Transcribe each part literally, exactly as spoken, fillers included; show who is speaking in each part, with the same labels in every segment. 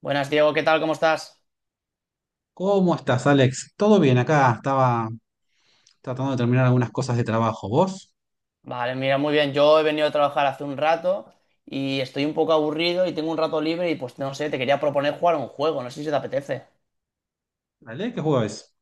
Speaker 1: Buenas, Diego, ¿qué tal? ¿Cómo estás?
Speaker 2: ¿Cómo estás, Alex? ¿Todo bien acá? Estaba tratando de terminar algunas cosas de trabajo. ¿Vos?
Speaker 1: Vale, mira, muy bien. Yo he venido a trabajar hace un rato y estoy un poco aburrido y tengo un rato libre y pues no sé, te quería proponer jugar a un juego, no sé si te apetece.
Speaker 2: Dale, ¿qué juego es?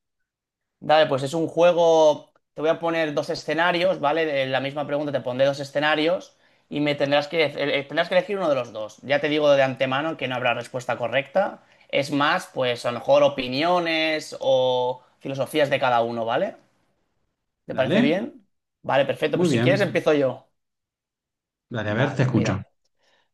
Speaker 1: Dale, pues es un juego, te voy a poner dos escenarios, ¿vale? De la misma pregunta te pondré dos escenarios y me tendrás que, eh, tendrás que elegir uno de los dos. Ya te digo de antemano que no habrá respuesta correcta. Es más, pues a lo mejor opiniones o filosofías de cada uno, ¿vale? ¿Te parece
Speaker 2: Dale,
Speaker 1: bien? Vale, perfecto,
Speaker 2: muy
Speaker 1: pues si quieres
Speaker 2: bien.
Speaker 1: empiezo yo.
Speaker 2: Dale, a ver, te
Speaker 1: Vale,
Speaker 2: escucho.
Speaker 1: mira.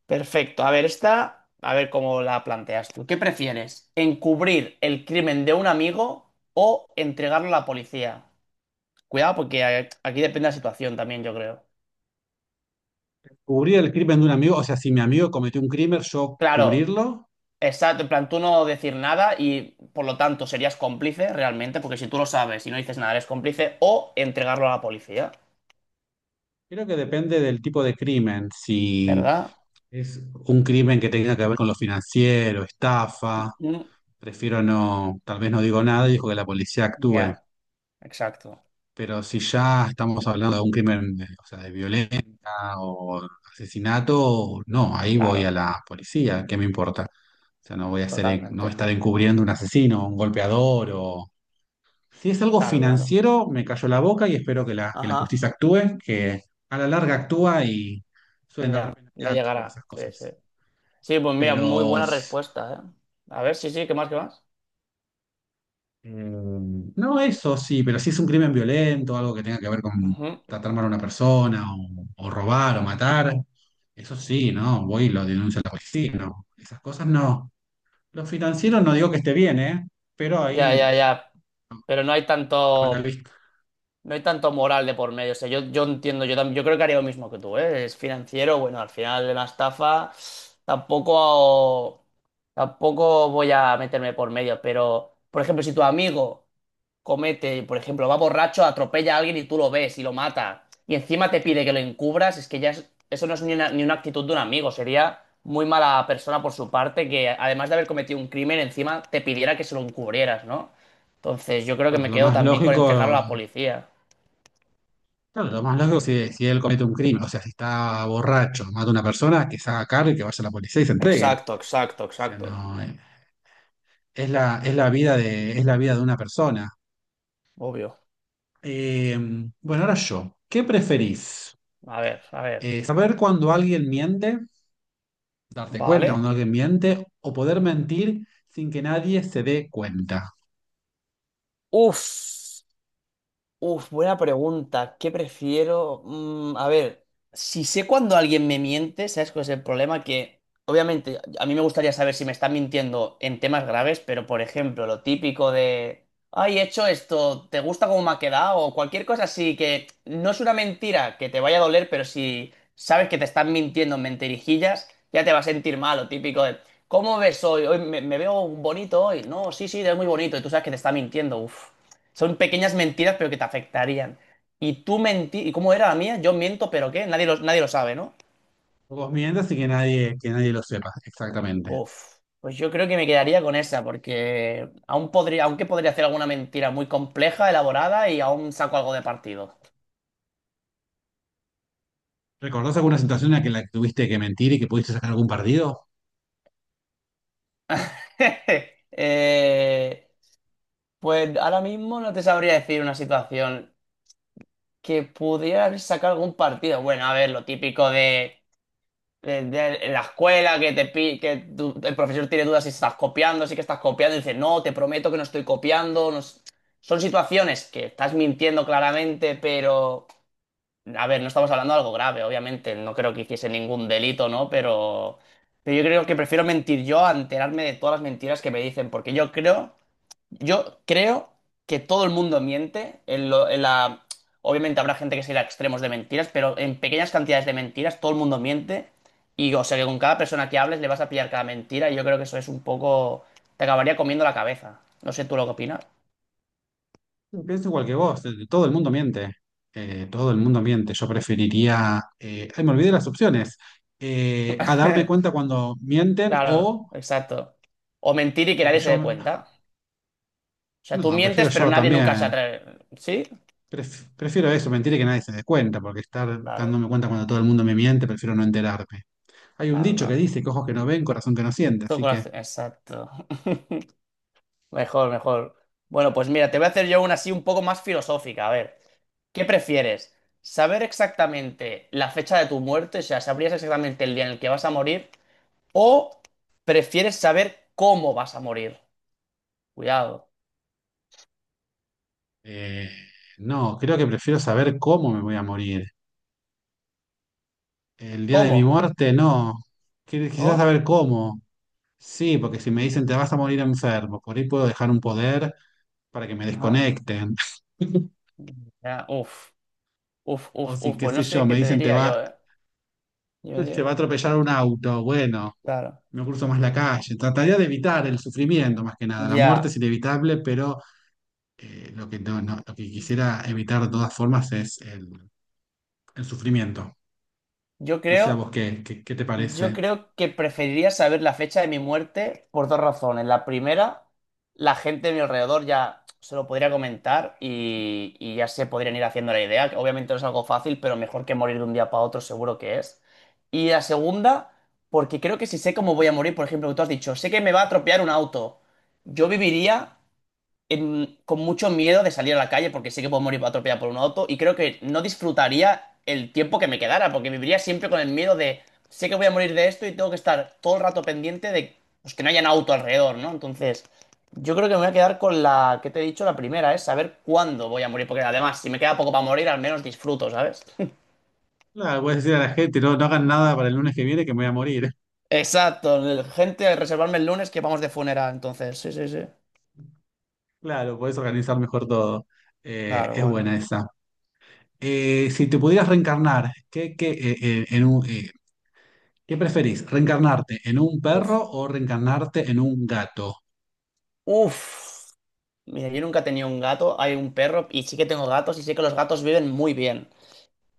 Speaker 1: Perfecto. A ver, esta, a ver cómo la planteas tú. ¿Qué prefieres? ¿Encubrir el crimen de un amigo o entregarlo a la policía? Cuidado, porque a- aquí depende de la situación también, yo creo.
Speaker 2: Cubrir el crimen de un amigo, o sea, si mi amigo cometió un crimen, yo
Speaker 1: Claro,
Speaker 2: cubrirlo.
Speaker 1: exacto. En plan, tú no decir nada y por lo tanto serías cómplice realmente, porque si tú lo sabes y no dices nada, eres cómplice, o entregarlo a la policía,
Speaker 2: Creo que depende del tipo de crimen. Si
Speaker 1: ¿verdad?
Speaker 2: es un crimen que tenga que ver con lo financiero, estafa,
Speaker 1: Mm.
Speaker 2: prefiero no, tal vez no digo nada y dejo que la policía actúe.
Speaker 1: Ya, exacto.
Speaker 2: Pero si ya estamos hablando de un crimen, eh, o sea, de violencia o asesinato, no, ahí voy a
Speaker 1: Claro,
Speaker 2: la policía, ¿qué me importa? O sea, no voy a hacer, no voy
Speaker 1: totalmente.
Speaker 2: a estar encubriendo un asesino, un golpeador o... Si es algo
Speaker 1: Claro, claro.
Speaker 2: financiero, me callo la boca y espero que la, que la
Speaker 1: Ajá,
Speaker 2: justicia actúe, que a la larga actúa y suelen dar
Speaker 1: ya,
Speaker 2: pena
Speaker 1: le
Speaker 2: alta por esas
Speaker 1: llegará. Sí, sí.
Speaker 2: cosas.
Speaker 1: Sí, pues mira, muy
Speaker 2: Pero
Speaker 1: buena
Speaker 2: s-
Speaker 1: respuesta, ¿eh? A ver, sí, sí, ¿qué más, qué más?
Speaker 2: Em, no, eso sí, pero si es un crimen violento, algo que tenga que ver con
Speaker 1: Ujú.
Speaker 2: tratar mal a una persona, o, o robar, o matar, eso sí, ¿no? Voy y lo denuncio a la policía, ¿no? Esas cosas no. Lo financiero no digo que esté bien, ¿eh? Pero
Speaker 1: Ya, ya,
Speaker 2: ahí,
Speaker 1: ya. Pero no hay tanto.
Speaker 2: a la vista.
Speaker 1: No hay tanto moral de por medio. O sea, yo, yo entiendo, yo, tam- yo creo que haría lo mismo que tú, ¿eh? Es financiero, bueno, al final de la estafa tampoco, tampoco voy a meterme por medio. Pero, por ejemplo, si tu amigo comete, por ejemplo, va borracho, atropella a alguien y tú lo ves y lo mata, y encima te pide que lo encubras, es que ya es- eso no es ni una, ni una actitud de un amigo. Sería muy mala persona por su parte que, además de haber cometido un crimen, encima te pidiera que se lo encubrieras, ¿no? Entonces, yo creo que
Speaker 2: Claro,
Speaker 1: me
Speaker 2: lo
Speaker 1: quedo
Speaker 2: más
Speaker 1: también con entregarlo
Speaker 2: lógico,
Speaker 1: a la policía.
Speaker 2: claro, lo más lógico si, si él comete un crimen, o sea, si está borracho, mata a una persona, que se haga cargo y que vaya a la policía y se entregue.
Speaker 1: Exacto, exacto,
Speaker 2: O sea,
Speaker 1: exacto.
Speaker 2: no, eh, es la, es la vida de, es la vida de una persona.
Speaker 1: Obvio.
Speaker 2: Eh, bueno, ahora yo. ¿Qué preferís?
Speaker 1: A ver, a ver.
Speaker 2: Eh, ¿saber cuando alguien miente, darte cuenta
Speaker 1: Vale.
Speaker 2: cuando alguien miente, o poder mentir sin que nadie se dé cuenta?
Speaker 1: Uf. Uf, buena pregunta. ¿Qué prefiero? Mm, a ver, si sé cuando alguien me miente, ¿sabes cuál es el problema? Que obviamente a mí me gustaría saber si me están mintiendo en temas graves, pero por ejemplo, lo típico de, ay, he hecho esto, ¿te gusta cómo me ha quedado? O cualquier cosa así que no es una mentira que te vaya a doler, pero si sabes que te están mintiendo en mentirijillas, ya te va a sentir mal, lo típico de, ¿cómo ves hoy? Hoy me, me veo bonito hoy. No, sí, sí, te ves muy bonito y tú sabes que te está mintiendo. Uf. Son pequeñas mentiras, pero que te afectarían. Y tú mentí, ¿y cómo era la mía? Yo miento, pero ¿qué? Nadie lo, nadie lo sabe, ¿no?
Speaker 2: Vos mientas sin que nadie, que nadie lo sepa, exactamente.
Speaker 1: Uf, pues yo creo que me quedaría con esa, porque aún podría, aunque podría hacer alguna mentira muy compleja, elaborada, y aún saco algo de partido.
Speaker 2: ¿Recordás alguna situación en la que, la que tuviste que mentir y que pudiste sacar algún partido?
Speaker 1: Eh, pues ahora mismo no te sabría decir una situación que pudiera sacar algún partido. Bueno, a ver, lo típico de eh, de- en la escuela que te pi- que tu- el profesor tiene dudas si estás copiando, si que estás copiando, y dice, no, te prometo que no estoy copiando. No es- Son situaciones que estás mintiendo claramente, pero... A ver, no estamos hablando de algo grave, obviamente. No creo que hiciese ningún delito, ¿no? Pero... Pero yo creo que prefiero mentir yo a enterarme de todas las mentiras que me dicen, porque yo creo yo creo que todo el mundo miente. En lo- en la... Obviamente habrá gente que se irá a extremos de mentiras, pero en pequeñas cantidades de mentiras todo el mundo miente. Y o sea que con cada persona que hables le vas a pillar cada mentira y yo creo que eso es un poco... Te acabaría comiendo la cabeza. No sé tú lo que opinas.
Speaker 2: Pienso igual que vos, eh, todo el mundo miente. Eh, todo el mundo miente. Yo preferiría. eh, ay, me olvidé las opciones. Eh, a darme cuenta cuando mienten
Speaker 1: Claro,
Speaker 2: o,
Speaker 1: exacto. O mentir y que
Speaker 2: o que
Speaker 1: nadie se
Speaker 2: yo.
Speaker 1: dé
Speaker 2: me-
Speaker 1: cuenta. O sea, tú
Speaker 2: no,
Speaker 1: mientes,
Speaker 2: prefiero
Speaker 1: pero
Speaker 2: yo
Speaker 1: nadie nunca se
Speaker 2: también.
Speaker 1: atreve. ¿Sí?
Speaker 2: Pref- prefiero eso, mentir y que nadie se dé cuenta, porque estar
Speaker 1: Claro,
Speaker 2: dándome cuenta cuando todo el mundo me miente, prefiero no enterarme. Hay un
Speaker 1: claro,
Speaker 2: dicho que
Speaker 1: claro.
Speaker 2: dice que ojos que no ven, corazón que no siente,
Speaker 1: Tu
Speaker 2: así que
Speaker 1: corazón- Exacto. Mejor, mejor. Bueno, pues mira, te voy a hacer yo una así un poco más filosófica. A ver, ¿qué prefieres? ¿Saber exactamente la fecha de tu muerte? O sea, ¿sabrías exactamente el día en el que vas a morir? ¿O prefieres saber cómo vas a morir? Cuidado.
Speaker 2: eh, no, creo que prefiero saber cómo me voy a morir. El día de mi
Speaker 1: ¿Cómo?
Speaker 2: muerte, no. Qui- Quizás
Speaker 1: ¿No?
Speaker 2: saber cómo. Sí, porque si me dicen te vas a morir enfermo, por ahí puedo dejar un poder para que me
Speaker 1: Ajá.
Speaker 2: desconecten.
Speaker 1: Ya, uf, uf,
Speaker 2: O
Speaker 1: uf,
Speaker 2: si,
Speaker 1: uf.
Speaker 2: qué
Speaker 1: Pues
Speaker 2: sé
Speaker 1: no
Speaker 2: yo,
Speaker 1: sé qué
Speaker 2: me
Speaker 1: te
Speaker 2: dicen te
Speaker 1: diría
Speaker 2: va,
Speaker 1: yo, ¿eh? Yo
Speaker 2: te
Speaker 1: diría-
Speaker 2: va a atropellar un auto, bueno,
Speaker 1: Claro.
Speaker 2: no cruzo más la calle. Trataría de evitar el sufrimiento más que nada. La muerte es
Speaker 1: Ya.
Speaker 2: inevitable, pero eh, lo que no- no- lo que quisiera evitar de todas formas es el, el sufrimiento.
Speaker 1: Yo
Speaker 2: No sé a
Speaker 1: creo.
Speaker 2: vos qué, qué, qué te
Speaker 1: Yo
Speaker 2: parece.
Speaker 1: creo que preferiría saber la fecha de mi muerte por dos razones. La primera, la gente de mi alrededor ya se lo podría comentar y, y ya se podrían ir haciendo la idea, que obviamente no es algo fácil, pero mejor que morir de un día para otro seguro que es. Y la segunda, porque creo que si sé cómo voy a morir, por ejemplo, que tú has dicho, sé que me va a atropellar un auto, yo viviría en- con mucho miedo de salir a la calle porque sé que puedo morir atropellado por un auto y creo que no disfrutaría el tiempo que me quedara porque viviría siempre con el miedo de sé que voy a morir de esto y tengo que estar todo el rato pendiente de pues, que no haya un auto alrededor, ¿no? Entonces, yo creo que me voy a quedar con la que te he dicho, la primera, es saber cuándo voy a morir porque además si me queda poco para morir al menos disfruto, ¿sabes?
Speaker 2: Claro, puedes decir a la gente, no, no hagan nada para el lunes que viene que me voy a morir.
Speaker 1: Exacto, el- gente, reservarme el lunes que vamos de funeral, entonces, sí, sí, sí.
Speaker 2: Claro, puedes organizar mejor todo. Eh,
Speaker 1: Claro,
Speaker 2: es
Speaker 1: bueno.
Speaker 2: buena esa. Eh, si te pudieras reencarnar, ¿qué, qué, eh, eh, en un, eh, ¿qué preferís? ¿Reencarnarte en un
Speaker 1: Uf.
Speaker 2: perro o reencarnarte en un gato?
Speaker 1: Uf. Mira, yo nunca he tenido un gato, hay un perro y sí que tengo gatos y sé que los gatos viven muy bien.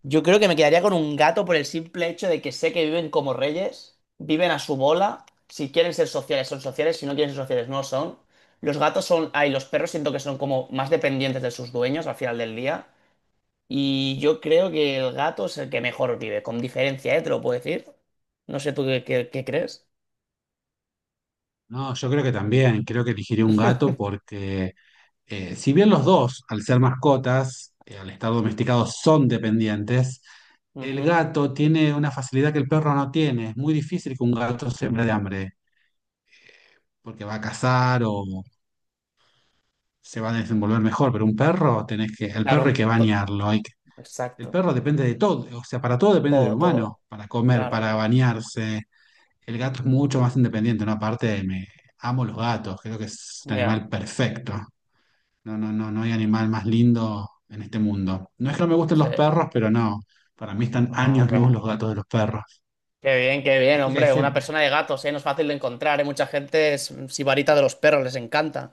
Speaker 1: Yo creo que me quedaría con un gato por el simple hecho de que sé que viven como reyes, viven a su bola, si quieren ser sociales son sociales, si no quieren ser sociales no lo son. Los gatos son, ay, los perros siento que son como más dependientes de sus dueños al final del día y yo creo que el gato es el que mejor vive, con diferencia, ¿eh? Te lo puedo decir. No sé tú qué, qué- qué crees.
Speaker 2: No, yo creo que también, creo que elegiría un gato porque eh, si bien los dos, al ser mascotas, eh, al estar domesticados, son dependientes, el
Speaker 1: Ujú.
Speaker 2: gato tiene una facilidad que el perro no tiene. Es muy difícil que un gato se muera de hambre. eh, porque va a cazar o se va a desenvolver mejor, pero un perro tenés que, el
Speaker 1: Claro,
Speaker 2: perro
Speaker 1: un
Speaker 2: hay que
Speaker 1: to-
Speaker 2: bañarlo, hay el
Speaker 1: exacto,
Speaker 2: perro depende de todo, o sea, para todo depende del
Speaker 1: todo,
Speaker 2: humano,
Speaker 1: todo,
Speaker 2: para comer, para
Speaker 1: claro,
Speaker 2: bañarse. El gato es mucho más independiente, ¿no? Aparte, me amo los gatos, creo que es un
Speaker 1: ya.
Speaker 2: animal perfecto. No, no, no, no hay animal más lindo en este mundo. No es que no me gusten
Speaker 1: Sí.
Speaker 2: los perros, pero no. Para mí están
Speaker 1: Ah,
Speaker 2: años luz
Speaker 1: hombre.
Speaker 2: los gatos de los perros.
Speaker 1: Qué bien, qué bien,
Speaker 2: Viste que hay
Speaker 1: hombre. Una
Speaker 2: gente,
Speaker 1: persona de gatos, ¿eh? No es fácil de encontrar, ¿eh? Mucha gente es sibarita de los perros, les encanta.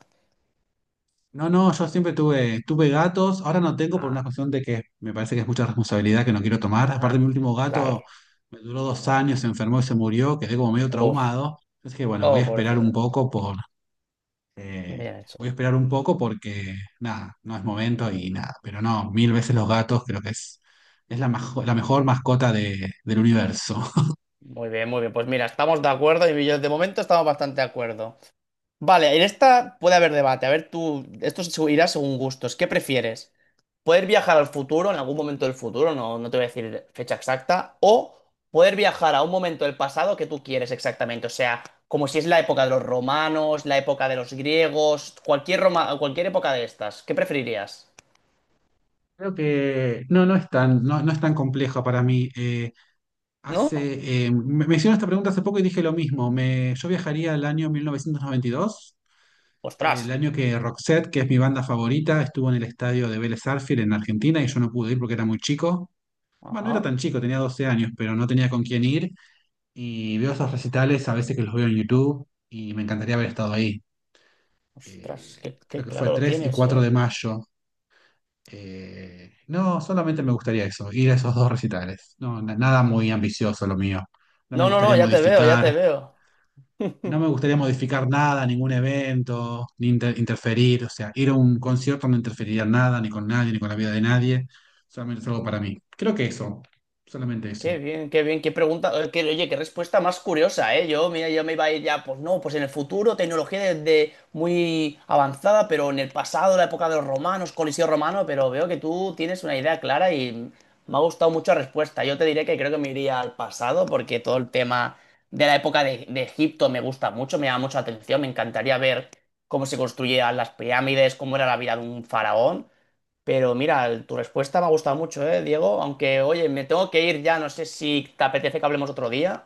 Speaker 2: no, no, yo siempre tuve, tuve gatos, ahora no tengo por
Speaker 1: Ah,
Speaker 2: una cuestión de que me parece que es mucha responsabilidad que no quiero tomar. Aparte, mi
Speaker 1: ajá.
Speaker 2: último
Speaker 1: Claro.
Speaker 2: gato me duró dos años, se enfermó y se murió, quedé como medio
Speaker 1: Uf.
Speaker 2: traumado. Entonces que bueno, voy
Speaker 1: Oh,
Speaker 2: a esperar un
Speaker 1: pobrecillo.
Speaker 2: poco por, eh,
Speaker 1: Bien
Speaker 2: voy a
Speaker 1: hecho.
Speaker 2: esperar un poco porque nada, no es momento y nada. Pero no, mil veces los gatos creo que es, es la, majo- la mejor mascota de- del universo.
Speaker 1: Muy bien, muy bien. Pues mira, estamos de acuerdo y yo de momento estamos bastante de acuerdo. Vale, en esta puede haber debate. A ver, tú, esto se irá según gustos. ¿Qué prefieres? ¿Poder viajar al futuro, en algún momento del futuro? No, no te voy a decir fecha exacta. O poder viajar a un momento del pasado que tú quieres exactamente. O sea, como si es la época de los romanos, la época de los griegos, cualquier roma- cualquier época de estas. ¿Qué preferirías?
Speaker 2: Creo que no, no es tan, no, no es tan complejo para mí. Eh,
Speaker 1: ¿No?
Speaker 2: Hace, eh, me, me hicieron esta pregunta hace poco y dije lo mismo. Me, yo viajaría al año mil novecientos noventa y dos,
Speaker 1: Ostras.
Speaker 2: el año que Roxette, que es mi banda favorita, estuvo en el estadio de Vélez Sarsfield en Argentina y yo no pude ir porque era muy chico. Bueno, no era
Speaker 1: Ajá.
Speaker 2: tan chico, tenía doce años, pero no tenía con quién ir. Y veo esos recitales a veces que los veo en YouTube y me encantaría haber estado ahí.
Speaker 1: Ostras,
Speaker 2: Eh,
Speaker 1: qué,
Speaker 2: creo
Speaker 1: qué
Speaker 2: que fue
Speaker 1: claro lo
Speaker 2: tres y
Speaker 1: tienes,
Speaker 2: cuatro
Speaker 1: ¿eh?
Speaker 2: de mayo. Eh, no, solamente me gustaría eso, ir a esos dos recitales. No, na- nada muy ambicioso lo mío. No me
Speaker 1: No, no, no,
Speaker 2: gustaría
Speaker 1: ya te veo, ya te
Speaker 2: modificar.
Speaker 1: veo.
Speaker 2: No me gustaría modificar nada, ningún evento, ni inter- interferir, o sea, ir a un concierto no interferiría en nada, ni con nadie, ni con la vida de nadie, solamente es algo para mí. Creo que eso, solamente
Speaker 1: Qué
Speaker 2: eso.
Speaker 1: bien, qué bien, qué pregunta, eh, qué- oye, qué respuesta más curiosa, ¿eh? Yo, mira, yo me iba a ir ya, pues no, pues en el futuro, tecnología de, de muy avanzada, pero en el pasado, la época de los romanos, Coliseo romano, pero veo que tú tienes una idea clara y me ha gustado mucho la respuesta. Yo te diré que creo que me iría al pasado porque todo el tema de la época de, de Egipto me gusta mucho, me llama mucho la atención, me encantaría ver cómo se construían las pirámides, cómo era la vida de un faraón. Pero mira, tu respuesta me ha gustado mucho, ¿eh, Diego? Aunque, oye, me tengo que ir ya, no sé si te apetece que hablemos otro día.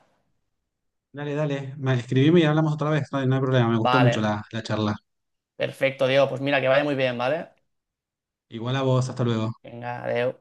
Speaker 2: Dale, dale, ma- escribime y hablamos otra vez, no, hay no hay problema, me gustó mucho
Speaker 1: Vale,
Speaker 2: la, la charla.
Speaker 1: perfecto, Diego. Pues mira, que vaya muy bien, ¿vale?
Speaker 2: Igual a vos, hasta luego.
Speaker 1: Venga, adeu.